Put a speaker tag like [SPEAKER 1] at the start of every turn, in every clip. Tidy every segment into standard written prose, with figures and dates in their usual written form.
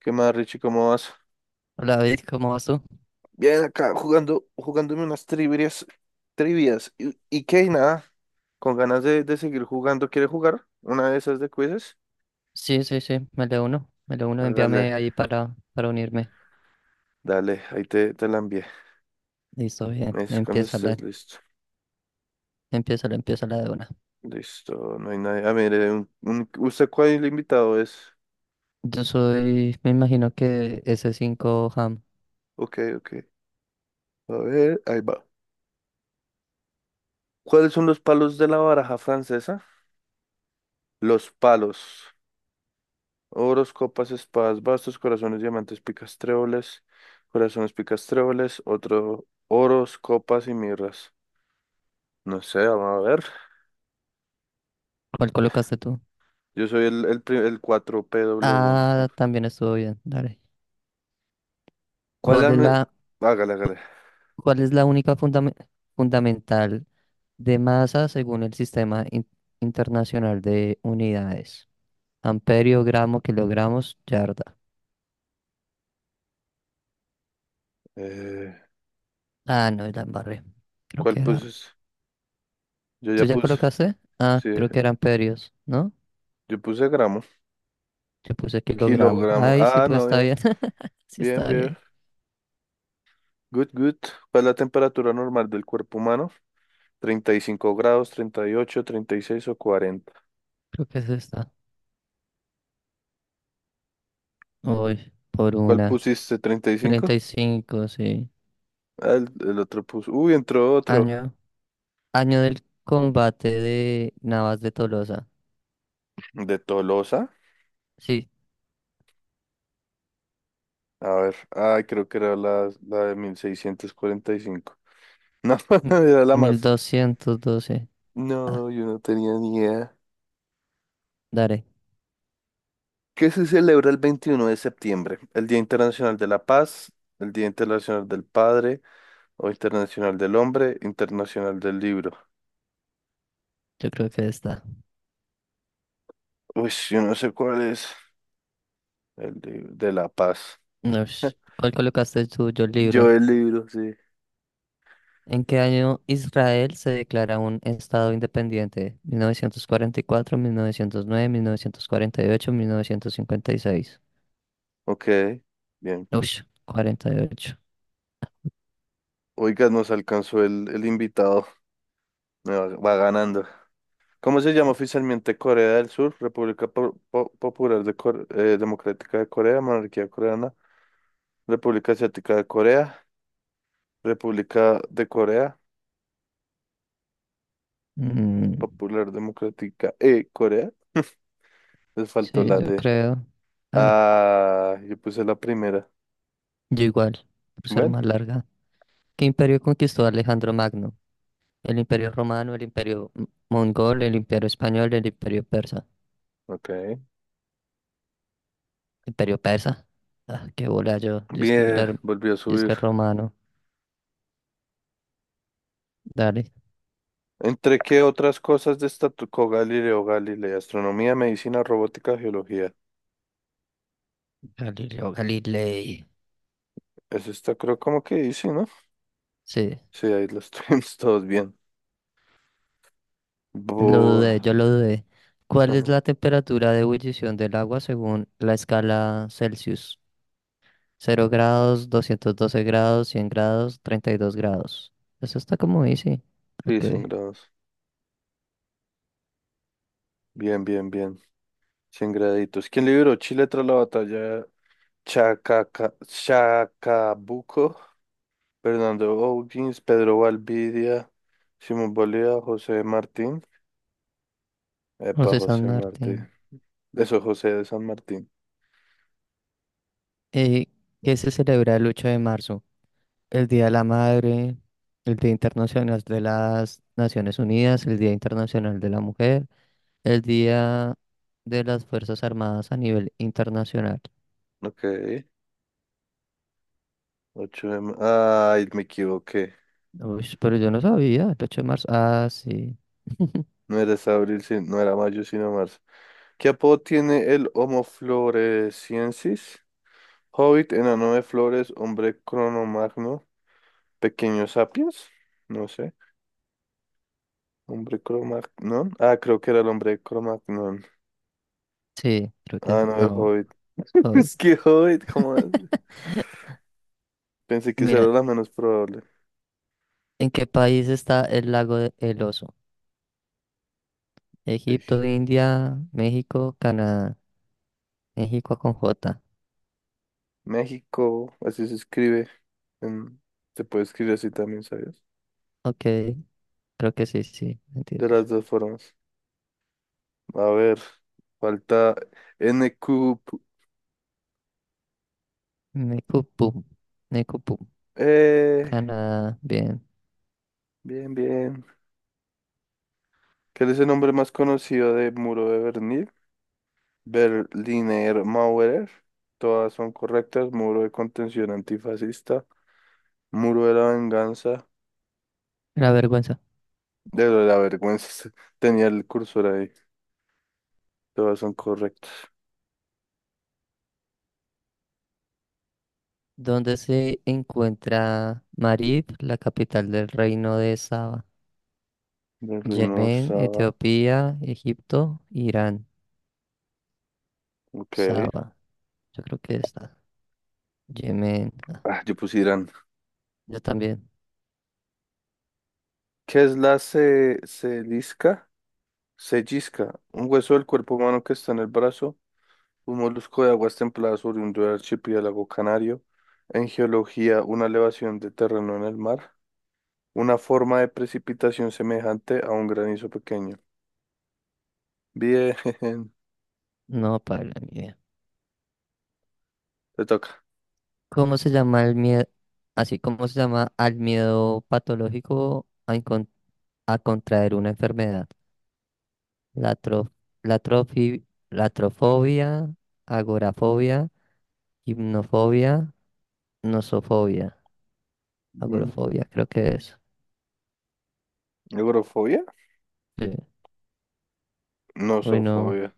[SPEAKER 1] ¿Qué más, Richie? ¿Cómo vas?
[SPEAKER 2] Hola David, ¿cómo vas tú?
[SPEAKER 1] Bien, acá jugando, jugándome unas trivias. ¿Y qué? Y nada, con ganas de seguir jugando. ¿Quieres jugar una de esas de quizzes?
[SPEAKER 2] Sí, sí, sí, me le uno,
[SPEAKER 1] Hágale,
[SPEAKER 2] envíame ahí para unirme.
[SPEAKER 1] dale, ahí te la envié.
[SPEAKER 2] Listo, bien,
[SPEAKER 1] Me dices cuando estés listo.
[SPEAKER 2] empieza la de una.
[SPEAKER 1] Listo, no hay nadie. Ah, mire, ¿usted cuál invitado es?
[SPEAKER 2] Yo soy, me imagino que ese cinco Ham.
[SPEAKER 1] Ok, ok. A ver, ahí va. ¿Cuáles son los palos de la baraja francesa? Los palos. Oros, copas, espadas, bastos, corazones, diamantes, picas, tréboles, corazones, picas, tréboles, otro, oros, copas y mirras. No sé, vamos a ver.
[SPEAKER 2] ¿Cuál colocaste tú?
[SPEAKER 1] Yo soy el 4PW1. Sí.
[SPEAKER 2] Ah, también estuvo bien, dale.
[SPEAKER 1] ¿Cuál
[SPEAKER 2] ¿Cuál es
[SPEAKER 1] han...
[SPEAKER 2] la,
[SPEAKER 1] Hágale, hágale.
[SPEAKER 2] cuál es la única fundamental de masa según el Sistema Internacional de Unidades? Amperio, gramo, kilogramos, yarda.
[SPEAKER 1] Eh,
[SPEAKER 2] Ah, no, la embarré. Creo
[SPEAKER 1] ¿Cuál
[SPEAKER 2] que era.
[SPEAKER 1] puse? Yo
[SPEAKER 2] ¿Tú
[SPEAKER 1] ya
[SPEAKER 2] ya
[SPEAKER 1] puse.
[SPEAKER 2] colocaste? Ah,
[SPEAKER 1] Sí,
[SPEAKER 2] creo que eran perios, ¿no?
[SPEAKER 1] yo puse gramo.
[SPEAKER 2] Yo puse kilogramos.
[SPEAKER 1] Kilogramo.
[SPEAKER 2] Ahí sí,
[SPEAKER 1] Ah,
[SPEAKER 2] pues
[SPEAKER 1] no,
[SPEAKER 2] está
[SPEAKER 1] bien.
[SPEAKER 2] bien. Sí
[SPEAKER 1] Bien,
[SPEAKER 2] está
[SPEAKER 1] bien.
[SPEAKER 2] bien.
[SPEAKER 1] Good, good. ¿Cuál es la temperatura normal del cuerpo humano? Treinta y cinco grados, treinta treinta y ocho treinta y seis o cuarenta.
[SPEAKER 2] Creo que es esta. Uy, por
[SPEAKER 1] ¿Cuál
[SPEAKER 2] una.
[SPEAKER 1] pusiste? ¿Treinta y
[SPEAKER 2] treinta
[SPEAKER 1] cinco?
[SPEAKER 2] y cinco sí.
[SPEAKER 1] Ah, el otro puso. Uy, entró otro.
[SPEAKER 2] Año. Año del combate de Navas de Tolosa.
[SPEAKER 1] De Tolosa.
[SPEAKER 2] Sí.
[SPEAKER 1] A ver. Ay, creo que era la de 1645. No,
[SPEAKER 2] m-
[SPEAKER 1] era la
[SPEAKER 2] mil
[SPEAKER 1] más.
[SPEAKER 2] doscientos doce Ah,
[SPEAKER 1] No, yo no tenía ni idea.
[SPEAKER 2] daré.
[SPEAKER 1] ¿Qué se celebra el 21 de septiembre? El Día Internacional de la Paz, el Día Internacional del Padre, o Internacional del Hombre, Internacional del Libro.
[SPEAKER 2] Yo creo que está.
[SPEAKER 1] Uy, yo no sé cuál es. De la Paz.
[SPEAKER 2] Ush. ¿Cuál colocaste tú, yo el
[SPEAKER 1] Yo
[SPEAKER 2] libro?
[SPEAKER 1] el libro, sí.
[SPEAKER 2] ¿En qué año Israel se declara un estado independiente? Mil novecientos cuarenta y cuatro, nueve, ocho, 1944, 1909, 1948, 1956.
[SPEAKER 1] Ok, bien.
[SPEAKER 2] Uy, 48.
[SPEAKER 1] Oiga, nos alcanzó el invitado. Me va ganando. ¿Cómo se llama oficialmente Corea del Sur? Popular de Democrática de Corea, Monarquía Coreana, República Asiática de Corea, República de Corea,
[SPEAKER 2] Mm,
[SPEAKER 1] Popular Democrática de Corea. Les faltó
[SPEAKER 2] sí,
[SPEAKER 1] la
[SPEAKER 2] yo
[SPEAKER 1] de...
[SPEAKER 2] creo. Ah,
[SPEAKER 1] Ah, yo puse la primera.
[SPEAKER 2] yo igual, por ser
[SPEAKER 1] Bueno,
[SPEAKER 2] más larga. ¿Qué imperio conquistó Alejandro Magno? El imperio romano, el imperio mongol, el imperio español, el imperio persa.
[SPEAKER 1] ok.
[SPEAKER 2] ¿Imperio persa? Ah, qué bola yo. Yo es que,
[SPEAKER 1] Bien,
[SPEAKER 2] claro,
[SPEAKER 1] volvió a
[SPEAKER 2] yo es
[SPEAKER 1] subir.
[SPEAKER 2] que romano. Dale.
[SPEAKER 1] ¿Entre qué otras cosas destacó Galileo Galilei? Astronomía, medicina, robótica, geología.
[SPEAKER 2] Galileo Galilei.
[SPEAKER 1] Eso está, creo, como que dice, ¿no?
[SPEAKER 2] Sí.
[SPEAKER 1] Sí, ahí lo estuvimos todos bien.
[SPEAKER 2] Lo
[SPEAKER 1] Bu-
[SPEAKER 2] dudé, yo lo dudé. ¿Cuál es la temperatura de ebullición del agua según la escala Celsius? 0 grados, 212 grados, 100 grados, 32 grados. Eso está como easy.
[SPEAKER 1] Sí,
[SPEAKER 2] Ok.
[SPEAKER 1] 100 grados. Bien, bien, bien. Cien graditos. ¿Quién libró Chile tras la batalla Chacabuco? Fernando O'Higgins, Pedro Valvidia, Simón Bolívar, José Martín. Epa,
[SPEAKER 2] José San
[SPEAKER 1] José
[SPEAKER 2] Martín.
[SPEAKER 1] Martín. Eso, José de San Martín.
[SPEAKER 2] Eh, ¿Qué se celebra el 8 de marzo? El Día de la Madre, el Día Internacional de las Naciones Unidas, el Día Internacional de la Mujer, el Día de las Fuerzas Armadas a nivel internacional.
[SPEAKER 1] Ok. Ay, me equivoqué.
[SPEAKER 2] Uy, pero yo no sabía, el 8 de marzo. Ah, sí.
[SPEAKER 1] No era hasta abril, no era mayo, sino marzo. ¿Qué apodo tiene el Homo floresiensis? Hobbit, enano de flores, hombre cronomagno. Pequeños sapiens, no sé. Hombre Cromagnon. Ah, creo que era el hombre Cromagnon.
[SPEAKER 2] Sí, creo que
[SPEAKER 1] Ah,
[SPEAKER 2] es.
[SPEAKER 1] no, el
[SPEAKER 2] No,
[SPEAKER 1] Hobbit.
[SPEAKER 2] hoy.
[SPEAKER 1] Es que Hobbit, ¿cómo es? Pensé que esa era
[SPEAKER 2] Mira,
[SPEAKER 1] la menos probable.
[SPEAKER 2] ¿en qué país está el lago de El Oso?
[SPEAKER 1] Ey,
[SPEAKER 2] Egipto, India, México, Canadá. México con J.
[SPEAKER 1] México, así se escribe. En- Se puede escribir así también, ¿sabes?
[SPEAKER 2] Ok, creo que sí, sí,
[SPEAKER 1] De las
[SPEAKER 2] mentiras.
[SPEAKER 1] dos formas. A ver, falta N Q.
[SPEAKER 2] Necupum, Necupum,
[SPEAKER 1] Eh,
[SPEAKER 2] Canadá, bien.
[SPEAKER 1] bien, bien. ¿Cuál es el nombre más conocido de Muro de Berlín? Berliner Mauer, todas son correctas, muro de contención antifascista, muro de la venganza,
[SPEAKER 2] La vergüenza.
[SPEAKER 1] de la vergüenza, tenía el cursor ahí, todas son correctas.
[SPEAKER 2] ¿Dónde se encuentra Marib, la capital del reino de Saba?
[SPEAKER 1] Berliner
[SPEAKER 2] Yemen,
[SPEAKER 1] Saba,
[SPEAKER 2] Etiopía, Egipto, Irán.
[SPEAKER 1] ok.
[SPEAKER 2] Saba. Yo creo que está. Yemen. Ah,
[SPEAKER 1] Ah, yo puse Irán.
[SPEAKER 2] yo también.
[SPEAKER 1] ¿Qué es la ce- ¿Celisca? Cellisca, un hueso del cuerpo humano que está en el brazo, un molusco de aguas templadas oriundo del archipiélago canario, en geología, una elevación de terreno en el mar. Una forma de precipitación semejante a un granizo pequeño. Bien,
[SPEAKER 2] No, para ni idea.
[SPEAKER 1] te toca.
[SPEAKER 2] ¿Cómo se llama el miedo? Así, ¿cómo se llama al miedo patológico a contraer una enfermedad? La, tro- la, trofi- Latrofobia, agorafobia, hipnofobia, nosofobia.
[SPEAKER 1] Mm,
[SPEAKER 2] Agorafobia, creo que es.
[SPEAKER 1] ¿agrofobia?
[SPEAKER 2] Sí.
[SPEAKER 1] No,
[SPEAKER 2] Uy, no,
[SPEAKER 1] zoofobia.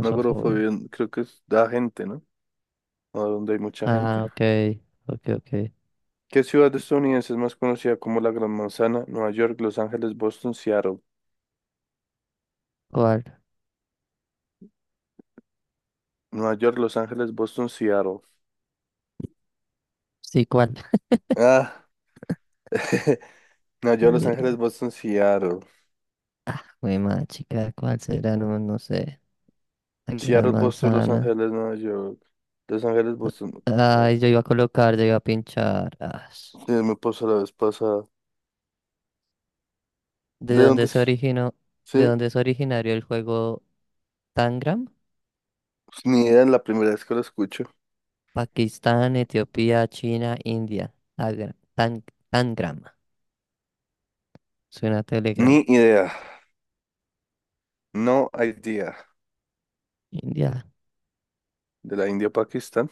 [SPEAKER 1] No, agrofobia creo que es da gente, ¿no? O donde hay mucha gente.
[SPEAKER 2] Ah, ok, ok, ok.
[SPEAKER 1] ¿Qué ciudad estadounidense es más conocida como la Gran Manzana? Nueva York, Los Ángeles, Boston, Seattle.
[SPEAKER 2] ¿Cuál?
[SPEAKER 1] Nueva York, Los Ángeles, Boston, Seattle.
[SPEAKER 2] Sí, ¿cuál?
[SPEAKER 1] Ah, Nueva York, Los
[SPEAKER 2] Eh,
[SPEAKER 1] Ángeles, Boston, Seattle.
[SPEAKER 2] jue madre, chica, ¿cuál será? No, no sé. La gran
[SPEAKER 1] Seattle, Boston, Los
[SPEAKER 2] manzana.
[SPEAKER 1] Ángeles, Nueva York. Los Ángeles, Boston. eh,
[SPEAKER 2] Ay, yo iba a colocar, yo iba a pinchar. As.
[SPEAKER 1] sí, me pasó la vez pasada.
[SPEAKER 2] ¿De
[SPEAKER 1] ¿De dónde
[SPEAKER 2] dónde se
[SPEAKER 1] es?
[SPEAKER 2] originó? ¿De
[SPEAKER 1] Sí,
[SPEAKER 2] dónde es originario el juego Tangram?
[SPEAKER 1] pues, ni idea, es la primera vez que lo escucho.
[SPEAKER 2] Pakistán, Etiopía, China, India. Tangram. Suena a Telegram.
[SPEAKER 1] Ni idea. No idea.
[SPEAKER 2] India.
[SPEAKER 1] De la India, Pakistán.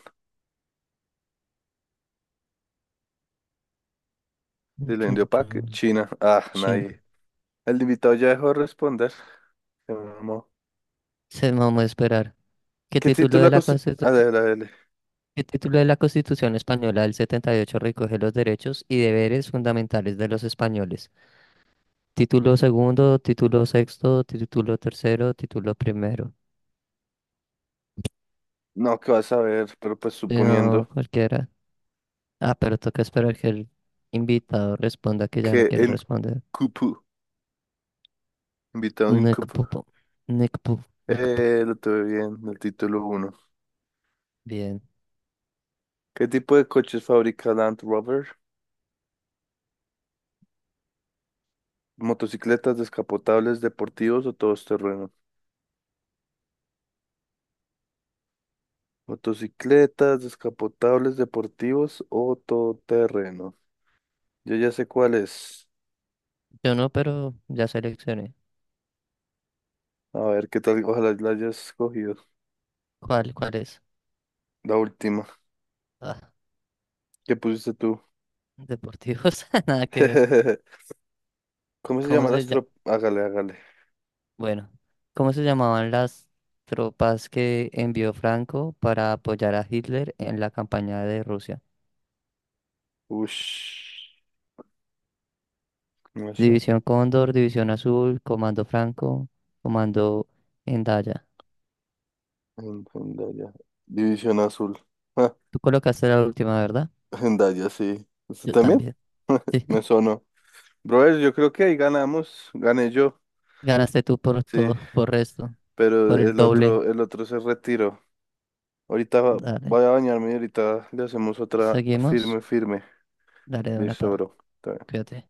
[SPEAKER 1] De la India,
[SPEAKER 2] Chun,
[SPEAKER 1] Pak-
[SPEAKER 2] chun.
[SPEAKER 1] China. Ah,
[SPEAKER 2] Chin.
[SPEAKER 1] nadie. El invitado ya dejó de responder. Se mamó.
[SPEAKER 2] Se vamos a esperar. ¿Qué
[SPEAKER 1] ¿Qué
[SPEAKER 2] título de
[SPEAKER 1] título
[SPEAKER 2] la
[SPEAKER 1] constituye? A
[SPEAKER 2] Constitución?
[SPEAKER 1] ver, a ver.
[SPEAKER 2] ¿Qué título de la Constitución Española del 78 recoge los derechos y deberes fundamentales de los españoles? Título segundo, título sexto, título tercero, título primero.
[SPEAKER 1] No, que vas a ver, pero pues
[SPEAKER 2] Si No,
[SPEAKER 1] suponiendo
[SPEAKER 2] cualquiera. Ah, pero toca esperar que el invitado responda que ya no
[SPEAKER 1] que
[SPEAKER 2] quiere
[SPEAKER 1] en
[SPEAKER 2] responder.
[SPEAKER 1] Cupu, invitado en
[SPEAKER 2] Nick
[SPEAKER 1] Cupu.
[SPEAKER 2] Pupo. Nick Pu- Nick Pu-
[SPEAKER 1] Lo tuve bien, el título uno.
[SPEAKER 2] Bien.
[SPEAKER 1] ¿Qué tipo de coches fabrica Land Rover? ¿Motocicletas, descapotables, deportivos o todoterreno? Motocicletas, descapotables, deportivos o todoterreno. Yo ya sé cuál es.
[SPEAKER 2] Yo no, pero ya seleccioné.
[SPEAKER 1] A ver, qué tal, ojalá la hayas cogido.
[SPEAKER 2] ¿Cuál es?
[SPEAKER 1] La última.
[SPEAKER 2] Ah,
[SPEAKER 1] ¿Qué pusiste tú?
[SPEAKER 2] deportivos, nada que ver.
[SPEAKER 1] ¿Cómo se
[SPEAKER 2] ¿Cómo
[SPEAKER 1] llama la
[SPEAKER 2] se llama?
[SPEAKER 1] astro...? Hágale, hágale.
[SPEAKER 2] Bueno, ¿cómo se llamaban las tropas que envió Franco para apoyar a Hitler en la campaña de Rusia?
[SPEAKER 1] Ush. No sé.
[SPEAKER 2] División Cóndor, División Azul, Comando Franco, Comando Endaya.
[SPEAKER 1] En- Hendaya. División Azul. Ah,
[SPEAKER 2] Tú colocaste la última, ¿verdad?
[SPEAKER 1] Hendaya, sí. ¿Usted
[SPEAKER 2] Yo
[SPEAKER 1] también?
[SPEAKER 2] también. Sí.
[SPEAKER 1] Me sonó. Brother, yo creo que ahí ganamos. Gané yo.
[SPEAKER 2] Ganaste tú por
[SPEAKER 1] Sí.
[SPEAKER 2] todo, por resto,
[SPEAKER 1] Pero
[SPEAKER 2] por el
[SPEAKER 1] el
[SPEAKER 2] doble.
[SPEAKER 1] otro, el otro se retiró. Ahorita
[SPEAKER 2] Dale.
[SPEAKER 1] voy a bañarme y ahorita le hacemos otra
[SPEAKER 2] Seguimos.
[SPEAKER 1] firme, firme.
[SPEAKER 2] Dale de una
[SPEAKER 1] Listo,
[SPEAKER 2] pava.
[SPEAKER 1] bro. Está bien.
[SPEAKER 2] Cuídate.